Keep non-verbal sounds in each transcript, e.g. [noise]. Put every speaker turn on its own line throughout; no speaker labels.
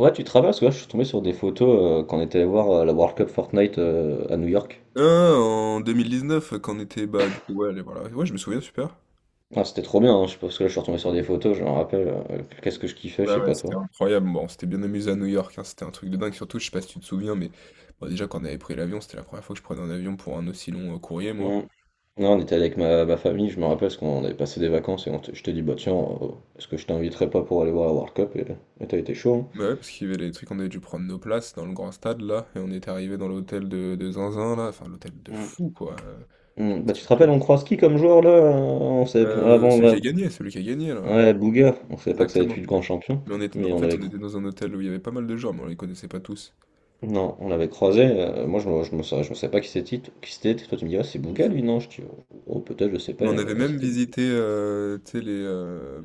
Ouais, tu travailles parce que là, je suis tombé sur des photos quand on était allé voir la World Cup Fortnite à New York.
Ah, en neuf quand on était, bah, du coup, ouais, allez, voilà. Ouais, je me souviens, super.
Ah, c'était trop bien, hein, je pense que là, je suis retombé sur des photos, je me rappelle, qu'est-ce que je kiffais, je
Ouais,
sais
ouais,
pas
c'était
toi.
incroyable. Bon, on s'était bien amusé à New York, hein, c'était un truc de dingue. Surtout, je sais pas si tu te souviens, mais bon, déjà, quand on avait pris l'avion, c'était la première fois que je prenais un avion pour un aussi long courrier, moi.
Mm. Non, on était avec ma famille, je me rappelle, parce qu'on avait passé des vacances et on je t'ai dit, bah tiens, euh, est-ce que je t'inviterais pas pour aller voir la World Cup? Et t'as été chaud.
Bah ouais, parce qu'il y avait les trucs, on avait dû prendre nos places dans le grand stade, là, et on était arrivé dans l'hôtel de Zinzin, là. Enfin, l'hôtel de
Hein. Mm.
fou, quoi. Je sais
Hmm,
pas si
bah, tu
tu
te
te
rappelles, on
souviens.
croise qui comme joueur là? On savait avant,
Celui qui
là.
a gagné, celui qui a gagné, là.
Ouais, Bouga, on savait pas que ça allait être lui
Exactement.
le grand champion,
Mais on était,
mais
en
on
fait,
avait.
on était dans un hôtel où il y avait pas mal de gens, mais on les connaissait pas tous.
Non, on l'avait croisé. Moi, je ne je me sa- je savais pas qui c'était. Qui c'était. Toi, tu me dis, ah, c'est Bouga, lui? Non, je dis, oh, oh, peut-être, je sais pas.
Mais on avait même
C'était lui.
visité tu sais,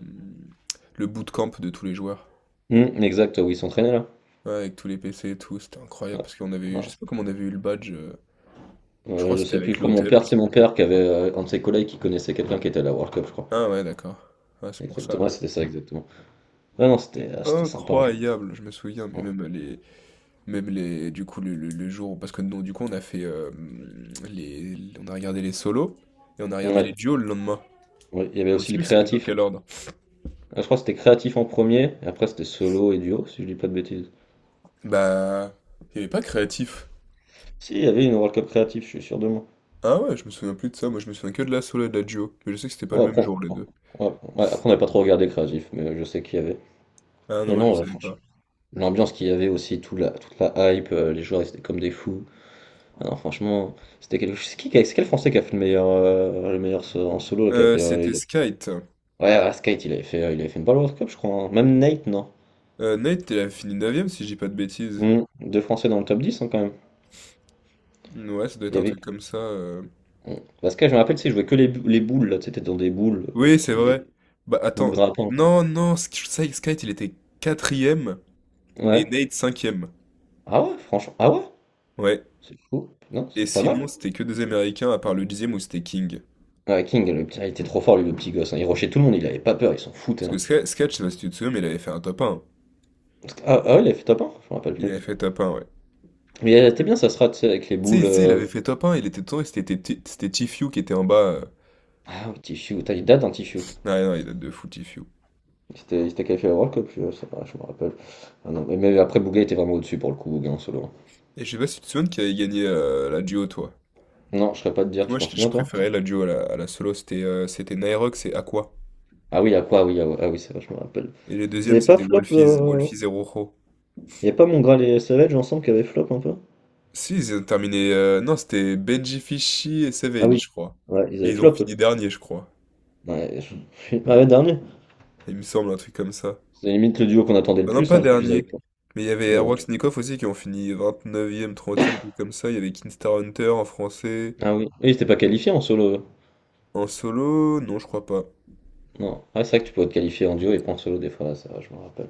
le bootcamp de tous les joueurs.
Exact, oui, il s'entraînait là.
Ouais, avec tous les PC et tout. C'était
Ouais.
incroyable parce qu'on avait eu, je
Ouais,
sais
c'est-
pas comment on avait eu le badge. Je crois que
je
c'était
sais plus,
avec
je crois,
l'hôtel, je
c'est
sais
mon
plus.
père qui avait un de ses collègues qui connaissait quelqu'un qui était à la World Cup, je crois.
Ah ouais, d'accord. Ah, c'est pour ça
Exactement, ouais,
alors.
c'était ça, exactement. Ah non, c'était ah, c'était sympa. En jeu.
Incroyable, je me souviens, mais même les, du coup, le jour, parce que non, du coup, on a fait, on a regardé les solos et on a regardé les
Ouais,
duos le lendemain.
ouais, il y avait
Ou je sais
aussi le
plus si c'était dans
créatif.
quel ordre.
Ah, je crois que c'était créatif en premier, et après c'était solo et duo, si je dis pas de bêtises.
Bah, il n'y avait pas créatif.
Si, il y avait une World Cup créatif, je suis sûr de moi.
Ah ouais, je me souviens plus de ça, moi je me souviens que de la solo et de la duo, mais je sais que c'était pas le
Oh,
même jour les
on-
deux.
ouais, ouais, après, on n'a pas trop regardé créatif, mais je sais qu'il y avait.
Ah non,
Et
moi, je
non,
savais
franchement,
pas.
l'ambiance qu'il y avait aussi, toute la hype, les joueurs ils étaient comme des fous. Ah non, franchement, c'était quelque chose. C'est quel Français qui a fait le meilleur, en solo là, qui a fait.
C'était Skite.
Ouais, ouais, Skate, il avait fait, une balle World Cup, je crois. Hein. Même Nate, non?
Nate, il a fini 9 si je dis pas de bêtises.
Hmm, deux Français dans le top 10 hein, quand même.
Ouais, ça doit
Il
être
y
un
avait.
truc comme ça.
Hmm. Parce que je me rappelle, tu sais, je jouais que les, bou- les boules, là, tu sais, t'es dans des boules,
Oui, c'est
qui...
vrai. Bah
boules
attends,
grattantes.
non, non, Skite il était quatrième et
Ouais.
Nate cinquième.
Ah ouais, franchement. Ah ouais?
Ouais,
C'est fou. Non,
et
c'est pas mal.
sinon c'était que des Américains à part le 10e où c'était King.
Ouais, King, il était trop fort, lui, le petit gosse. Hein. Il rushait tout le monde, il avait pas peur, il s'en
Parce
foutait.
que
Hein.
Skate, Skate, je sais pas si tu te souviens, mais il avait fait un top un.
Ah, ah ouais, il avait fait top 1? Je me rappelle
Il
plus.
avait fait top un, ouais.
Mais elle était
Tu
bien, ça sera, tu sais, avec les
sais,
boules.
tu sais, il avait fait top un. Il était temps, c'était Tfue qui était en bas.
Ah, Tichou, putain, il date un Tichou.
Ouais, non, il date de Footy Few.
Il s'était qualifié à la World Cup, je sais pas, je me rappelle. Ah non, mais après, Bouga était vraiment au-dessus pour le coup, Bouga en solo.
Et je sais pas si tu te souviens qui avait gagné la duo, toi.
Non, je serais pas de
Parce
dire,
que
tu
moi,
t'en
je
souviens toi?
préférais la duo à la solo. C'était Naerox et Aqua.
Ah oui, à quoi? Ah oui, ah, ouais, ah oui, c'est vrai, je me rappelle.
Et les
Ils
deuxièmes,
avaient pas
c'était
flop.
Wolfies, Wolfies et Rojo.
Il y a pas Mongral et Savage ensemble qui avaient flop un peu?
Si, ils ont terminé. Non, c'était Benji Fishy et
Ah
Savage,
oui,
je crois.
ouais, ils
Et
avaient
ils ont
flop
fini
eux.
dernier, je crois.
Ouais, [laughs] ah ouais, dernier.
Il me semble, un truc comme ça.
C'est limite le duo qu'on attendait le
Non, non,
plus,
pas
hein, le plus
dernier.
hype.
Mais il y avait
Bon.
Airwax Nikoff aussi qui ont fini 29e, 30e, un truc comme ça. Il y avait Kinstar Hunter en français.
Ah oui, et ils s'étaient pas qualifiés en solo.
En solo? Non, je crois pas.
Non. Ah, c'est vrai que tu pouvais te qualifier en duo et pas en solo des fois, ouais, c'est vrai, je me rappelle.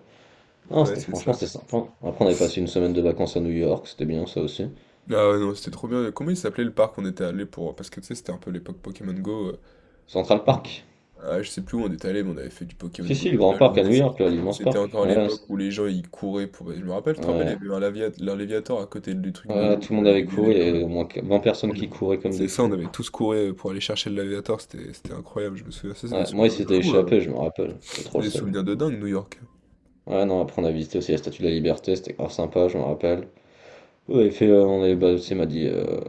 Non,
Ouais,
c'était
c'est ça.
franchement c'était sympa. Après on avait passé une semaine de vacances à New York, c'était bien ça aussi.
Ah ouais, non, c'était trop bien. Comment il s'appelait le parc où on était allé pour... Parce que tu sais, c'était un peu l'époque Pokémon Go.
Central Park.
Ah, je sais plus où on était allé, mais on avait fait du Pokémon
Si
Go
si, le
toute
grand
la
parc à
journée.
New
C'était
York, là, l'immense
c'était
parc.
encore
Ouais, ouais,
l'époque où les gens, ils couraient pour... Je me rappelle, tu te rappelles, il y
ouais.
avait eu un Léviator à côté du truc de
Ouais,
l'eau,
tout le
là,
monde
où
avait
il y avait
couru,
de
il y
l'eau, là.
avait au moins 20 personnes
On-
qui couraient comme des
C'est ça, on
fous.
avait tous couru pour aller chercher le Léviator. C'était incroyable, je me souviens. Ça, c'est des
Ouais, moi il
souvenirs de
s'était
fou.
échappé, je me rappelle, j'avais trop
C'est
le
des
seum.
souvenirs de dingue, New York.
Ouais non, après on a visité aussi la Statue de la Liberté, c'était grave sympa, je me rappelle. On avait fait, bah, tu sais, il m'a dit,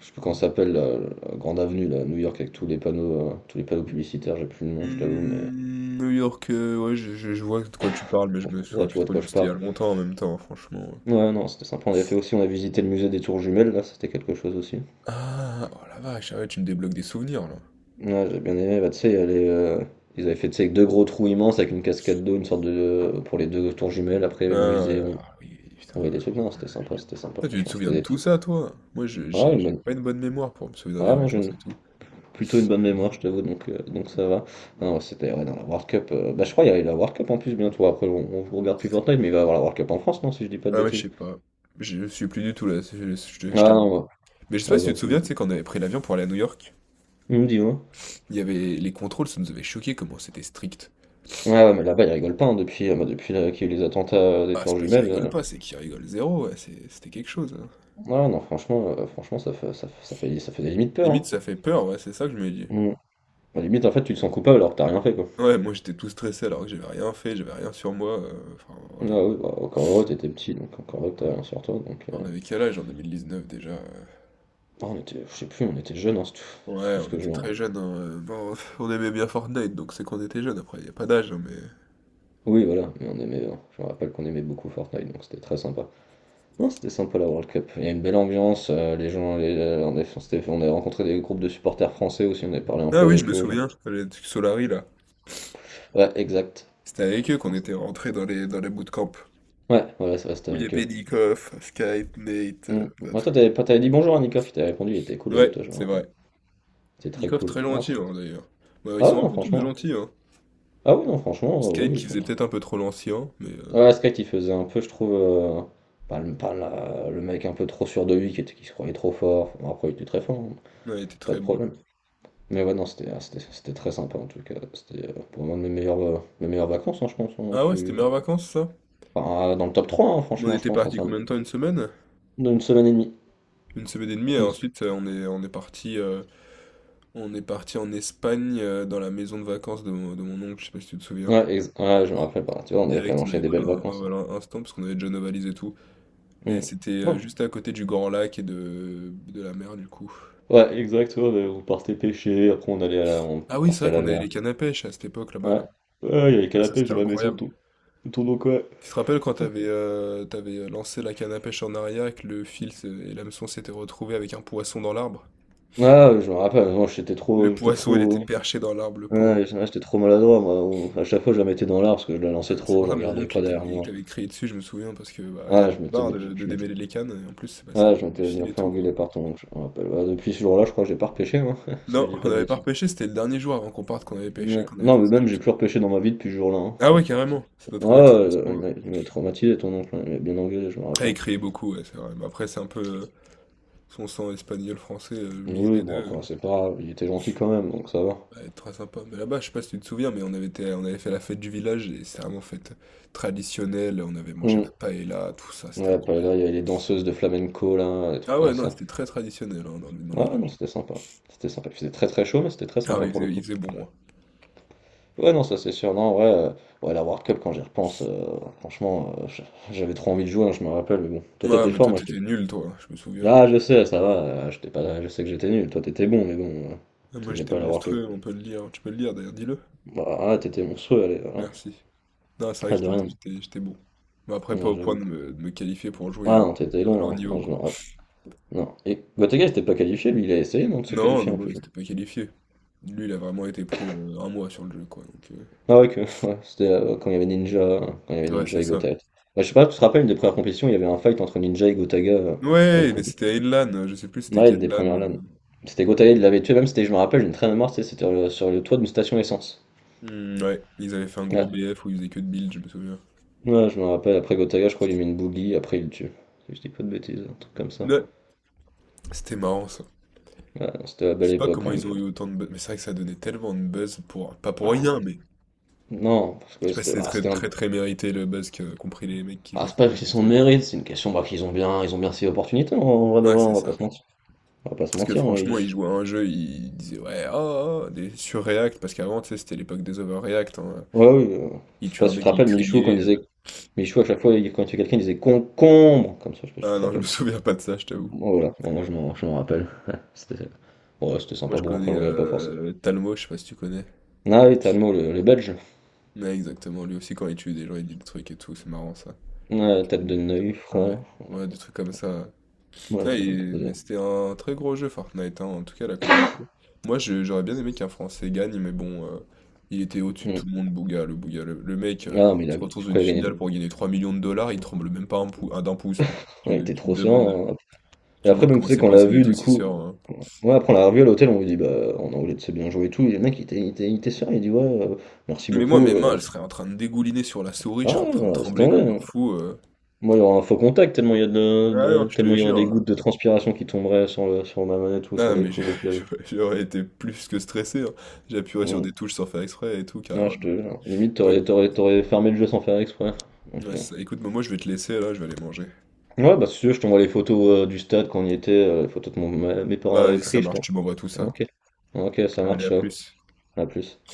je sais plus comment ça s'appelle, la grande avenue, là, à New York, avec tous les panneaux publicitaires, j'ai plus le nom, je t'avoue, mais.
New York, ouais, je vois de quoi tu parles, mais je
Bon,
me
ouais,
souviens
tu
plus
vois de
trop.
quoi je
C'était il y
parle.
a longtemps en même temps, franchement.
Ouais, non, c'était sympa. On avait fait aussi, on a visité le musée des tours jumelles, là, c'était quelque chose aussi.
Ah! Oh la vache! Ah ouais, tu me débloques des souvenirs là. Ouais.
Ouais, j'ai bien aimé. Bah, tu sais, il y a les, ils avaient fait, tu sais, avec deux gros trous immenses avec une cascade d'eau, une sorte de. Pour les deux tours jumelles. Après, il y
Ah
avait le musée,
ouais, ah oui,
on
putain.
voyait des trucs. Non, c'était sympa,
Toi, tu te
franchement. C'était
souviens de
des.
tout ça, toi? Moi, je
Ah, une
j'ai
bonne.
pas une bonne mémoire pour me souvenir des
Ah, moi, j'ai
vacances
une-
et tout.
Plutôt une bonne mémoire, je t'avoue, donc ça va. Non, ouais, c'était ouais, Dans la World Cup. Bah, je crois qu'il y avait la World Cup en plus bientôt. Après, on regarde plus Fortnite, mais il va y avoir la World Cup en France, non, si je dis pas de
Ah ouais, je
bêtises.
sais pas. Je suis plus du tout là, c'est- je te-
Ah,
je t'avoue.
non, ouais.
Mais je sais
Ah,
pas si tu
bah,
te souviens,
plus.
tu sais, quand on avait pris l'avion pour aller à New York,
Dis-moi.
il y avait les contrôles, ça nous avait choqué comment c'était strict.
Ouais, ouais, mais là-bas, ils rigolent pas hein, depuis, bah, depuis qu'il y a eu les attentats des
Ah, c'est
tours
pas qu'ils
jumelles.
rigolent pas, c'est qu'ils rigolent zéro, ouais, c'était quelque chose, hein.
Ouais, ouais, non, franchement, franchement, ça fait des limites peur.
Limite,
Hein.
ça fait peur, ouais, c'est ça que je me dis.
Mm. Bah, limite, en fait, tu te sens coupable alors que t'as rien fait, quoi.
Ouais, moi j'étais tout stressé alors que j'avais rien fait, j'avais rien sur moi. Enfin,
Ah
voilà.
oui, bah, encore heureux, t'étais petit, donc encore heureux que t'as rien sur toi. Donc,
On avait quel âge en 2019 déjà?
ah, on était, je sais plus, on était jeunes, hein, c'est
Ouais,
tout ce
on
que je
était
vois.
très jeunes, hein, bon, [laughs] on aimait bien Fortnite, donc c'est qu'on était jeunes, après il y a pas d'âge, hein, mais
Oui, voilà, mais on aimait, je me rappelle qu'on aimait beaucoup Fortnite, donc c'était très sympa. Non, c'était sympa la World Cup. Il y a une belle ambiance, on a rencontré des groupes de supporters français aussi, on a parlé un peu
ah oui, je
avec
me
eux.
souviens, les trucs Solary, là,
Ouais, exact.
c'était avec eux qu'on était rentrés dans les bootcamps,
Ouais, voilà, ça reste
où il y
avec
avait
eux.
Nikof, Skype, Nate,
Mm.
enfin
Bah,
tout
toi,
le
t'avais pas,
monde.
t'avais dit bonjour à Nicoff, il t'avait répondu, il était cool avec
Ouais,
toi, je me
c'est
rappelle.
vrai.
C'était très
Nikof
cool.
très gentil, hein, d'ailleurs. Bah, ils
Ah ouais,
sont un
non,
peu tous
franchement.
gentils, hein.
Ah oui, non, franchement,
Skype
oui, ils
qui
sont
faisait
trop.
peut-être un peu trop l'ancien, mais
Ouais, Sky qui faisait un peu, je trouve, pas, le, pas la- le mec un peu trop sûr de lui, qui se croyait trop fort. Bon, après, il était très fort, hein,
non, il était
pas
très
de
bon.
problème. Mais ouais, non, c'était ah, c'était c'était très sympa en tout cas. C'était pour moi de mes meilleures vacances, hein, je pense.
Ah ouais, c'était meilleures vacances, ça?
Dans le top 3 hein,
On
franchement, je
était
pense, en
parti
termes
combien de temps? Une semaine?
d'une semaine et demie.
Une semaine et demie et
Une se-
ensuite, on est parti. On est parti en Espagne dans la maison de vacances de mon oncle, je sais pas si tu te souviens.
Ouais, ouais, je me rappelle pas. Tu vois, on avait quand
Direct,
même
on avait
enchaîné des
pris
belles vacances. Hein.
voilà, un stand parce qu'on avait déjà nos valises et tout. Et c'était
Mm.
juste à côté du Grand Lac et de la mer du coup.
Ouais, exact, ouais, bah, on partait pêcher, après on allait à la, on
Ah oui, c'est
partait
vrai
à
qu'on
la
avait
mer.
les cannes à pêche à cette époque là-bas
Ouais.
là.
Ouais, il y avait qu'à
Ah
la
ça
pêche
c'était
dans la maison
incroyable.
tout, tout donc ouais.
Tu te rappelles quand t'avais lancé la canne à pêche en arrière et que le fil et l'hameçon s'étaient retrouvés avec un poisson dans l'arbre?
Ah, je me rappelle, moi
Le
j'étais
poisson il
trop,
était
ouais,
perché dans l'arbre, le pauvre.
ouais, j'étais trop maladroit, moi. À chaque fois je la mettais dans l'art parce que je la lançais
C'est
trop,
pour
je
ça mon
regardais
oncle il
pas
t'avait
derrière
il
moi.
t'avait crié dessus, je me souviens, parce que, bah, il en
Ouais, je
avait
m'étais,
marre de
je m'étais,
démêler les cannes et en plus, bah, ça
ouais, je
tue les
m'étais
fils
bien
et
fait
tout, quoi.
engueuler par ton oncle, je me rappelle. Ouais, depuis ce jour-là, je crois que j'ai pas repêché, moi, [laughs] si je
Non,
dis
on
pas de
n'avait pas
bêtises.
repêché, c'était le dernier jour avant qu'on parte qu'on avait pêché,
Ouais.
qu'on avait
Non,
fait
mais
ça, je
même
me
j'ai plus
souviens.
repêché dans ma vie depuis ce jour-là. Hein.
Ah ouais, carrément, ça doit
Ouais,
traumatiser à ce
ouais,
point,
il
ouais.
m'a il m'avait traumatisé ton oncle, hein, il m'a bien engueulé, je me
Ah, il
rappelle.
criait beaucoup, ouais, c'est vrai, mais après c'est un peu, son sang espagnol, français, le
Oui,
mix
oui,
des 2
bon après c'est pas grave, il était gentil quand même, donc ça va.
va être très sympa. Mais là-bas, je sais pas si tu te souviens, mais on avait fait la fête du village et c'est vraiment fête traditionnelle, on avait mangé
Hmm.
la paella tout ça, c'était
Ouais, après là, il
incroyable.
y avait les danseuses de flamenco, là, des trucs
Ah
comme
ouais, non,
ça.
c'était très traditionnel, hein, dans le
Ouais, ouais, non,
village.
c'était sympa. C'était sympa. Il faisait très très chaud, mais c'était très
Ah
sympa
oui, il
pour le
faisait
coup.
il faisait bon, hein.
Ouais, non, ça c'est sûr. Non, ouais, ouais, la World Cup, quand j'y repense, franchement, j'avais trop envie de jouer, hein, je me rappelle, mais bon. Toi,
Ouais,
t'étais
mais
fort,
toi,
moi, j'étais.
t'étais nul, toi, je me souviens.
Ah, je sais, ça va, j'étais pas... je sais que j'étais nul. Toi, t'étais bon, mais bon,
Ah, moi,
t'étais
j'étais
pas à la World Cup.
monstrueux, on peut le lire. Tu peux le lire, d'ailleurs, dis-le.
Bah, ah, t'étais monstrueux, allez, voilà.
Merci. Non, c'est vrai
Ah,
que
de
j'étais
rien.
j'étais- j'étais bon. Mais après,
Ouais,
pas au point
j'avoue.
de me qualifier pour jouer
Ah
à,
non, t'étais
à leur
long, hein.
niveau,
Non, je
quoi.
me rappelle. Non. Et Gotaga, n'était pas qualifié, lui, il a essayé, non, de se
Non,
qualifier
non,
en
non, il
plus.
s'était pas qualifié. Lui, il a vraiment été pro un mois sur le jeu, quoi. Donc,
Ah ouais, que... [laughs] ouais, c'était quand il y avait
ouais,
Ninja
c'est
et
ça.
Gotaga. Ouais, je sais pas, tu te rappelles, une des premières compétitions, il y avait un fight entre Ninja et Gotaga à une
Ouais, mais
compétition.
c'était à une LAN, je sais plus c'était
Ouais, une
quelle
des
LAN.
premières LAN. C'était Gotaga, il l'avait tué, même, c'était, je me rappelle, j'ai une très bonne mémoire, tu sais, c'était sur sur le toit d'une station essence.
Ouais, ils avaient fait un gros
Ouais.
BF où ils faisaient que de build, je me souviens.
Ouais, je me rappelle, après Gotaga, je crois, il lui met une bougie, après il le tue. Si je dis pas de bêtises, un truc comme ça.
Ouais, c'était marrant, ça.
Ouais, non, c'était la
Je
belle
sais pas
époque quand
comment
même.
ils ont eu autant de buzz, mais c'est vrai que ça donnait tellement de buzz pour... Pas pour
Ah,
rien,
ouais.
mais...
Non, parce
Je
que
sais pas si c'est très
c'était un...
très très mérité le buzz que compris les mecs qui jouent
Ah,
à
c'est pas que c'est
Fortnite,
son
actuellement.
mérite, c'est une question bah, ils ont bien ces opportunités, en vrai de
Ouais,
vrai,
c'est
on va
ça.
pas se mentir. On va pas se
Parce que
mentir. Hein,
franchement,
ils.
ils jouaient à un jeu, ils disaient ouais, oh, oh, oh, des surreact, parce qu'avant, tu sais, c'était l'époque des overreact, hein.
Ouais, oui,
Il
je sais
tuait
pas
un
si tu te
mec, ils
rappelles, Michou, quand
criait.
il disait, Michou, à chaque fois, quand il tuait quelqu'un, il disait concombre, comme ça, je sais pas si tu
Ah
te
non, je me [laughs]
rappelles.
souviens pas de ça, je t'avoue.
Bon, voilà, bon, moi, je m'en rappelle. [laughs] Ouais, c'était, ouais, c'était
Moi,
sympa,
je
bon, après,
connais
je regarde pas forcément.
Talmo, je sais pas si tu connais.
Ah oui, t'as le mot, le belge.
Ouais, exactement. Lui aussi, quand il tue des gens, il dit des trucs et tout, c'est marrant ça. Il me
Ouais,
fait- il
tête
me
de
fait plutôt-
Neuil,
Ouais,
frère.
ouais, des trucs comme ça. Putain,
Ça me faisait.
mais c'était un très gros jeu Fortnite, hein, en tout cas la compétition. J'aurais bien aimé qu'un Français gagne, mais bon, il était au-dessus de
Hmm.
tout le monde, Bouga, le Bouga. Le mec
Ah, mais il a,
se retrouve
je
dans une
crois qu'il a gagné.
finale pour gagner 3 millions de dollars, il tremble même pas d'un pouce, donc
Ouais, il
tu,
était
tu te
trop
demandes,
serein. Hein. Et
tu te
après,
demandes,
même, tu
comment
sais,
c'est
qu'on l'a
possible
vu,
d'être
du
aussi
coup.
sûr, hein.
Ouais, après on l'a revu à l'hôtel, on lui dit, bah, en anglais, tu sais bien jouer et tout. Et le mec, il était serein, il dit, ouais, merci
Mais moi, mes
beaucoup.
mains, elles seraient en train de dégouliner sur la souris, je
Ah,
serais en
ouais,
train de
non, laisse
trembler
tomber.
comme un
Hein.
fou.
Moi, il y aura un faux contact, tellement il y a
Ah non, je te
tellement il y aurait des
jure.
gouttes de transpiration qui tomberaient sur sur ma manette ou sur
Ah mais
l'écrou, le
[laughs]
clavier.
j'aurais été plus que stressé, hein. J'appuierais sur
Mm.
des touches sans faire exprès et tout, car
Ouais, je
voilà.
te jure. Limite,
Ouais,
t'aurais fermé le jeu sans faire exprès. Donc,
ouais, c'est ça. Écoute, moi je vais te laisser là, je vais aller manger.
ouais, bah, si tu veux, je t'envoie les photos du stade quand on y était, les photos que mon, ma- mes parents
Bah,
avaient
vas-y, ça
pris, je
marche,
t'en.
tu m'envoies tout ça.
Ok. Ok, ça
Allez,
marche,
à
ciao.
plus.
À plus.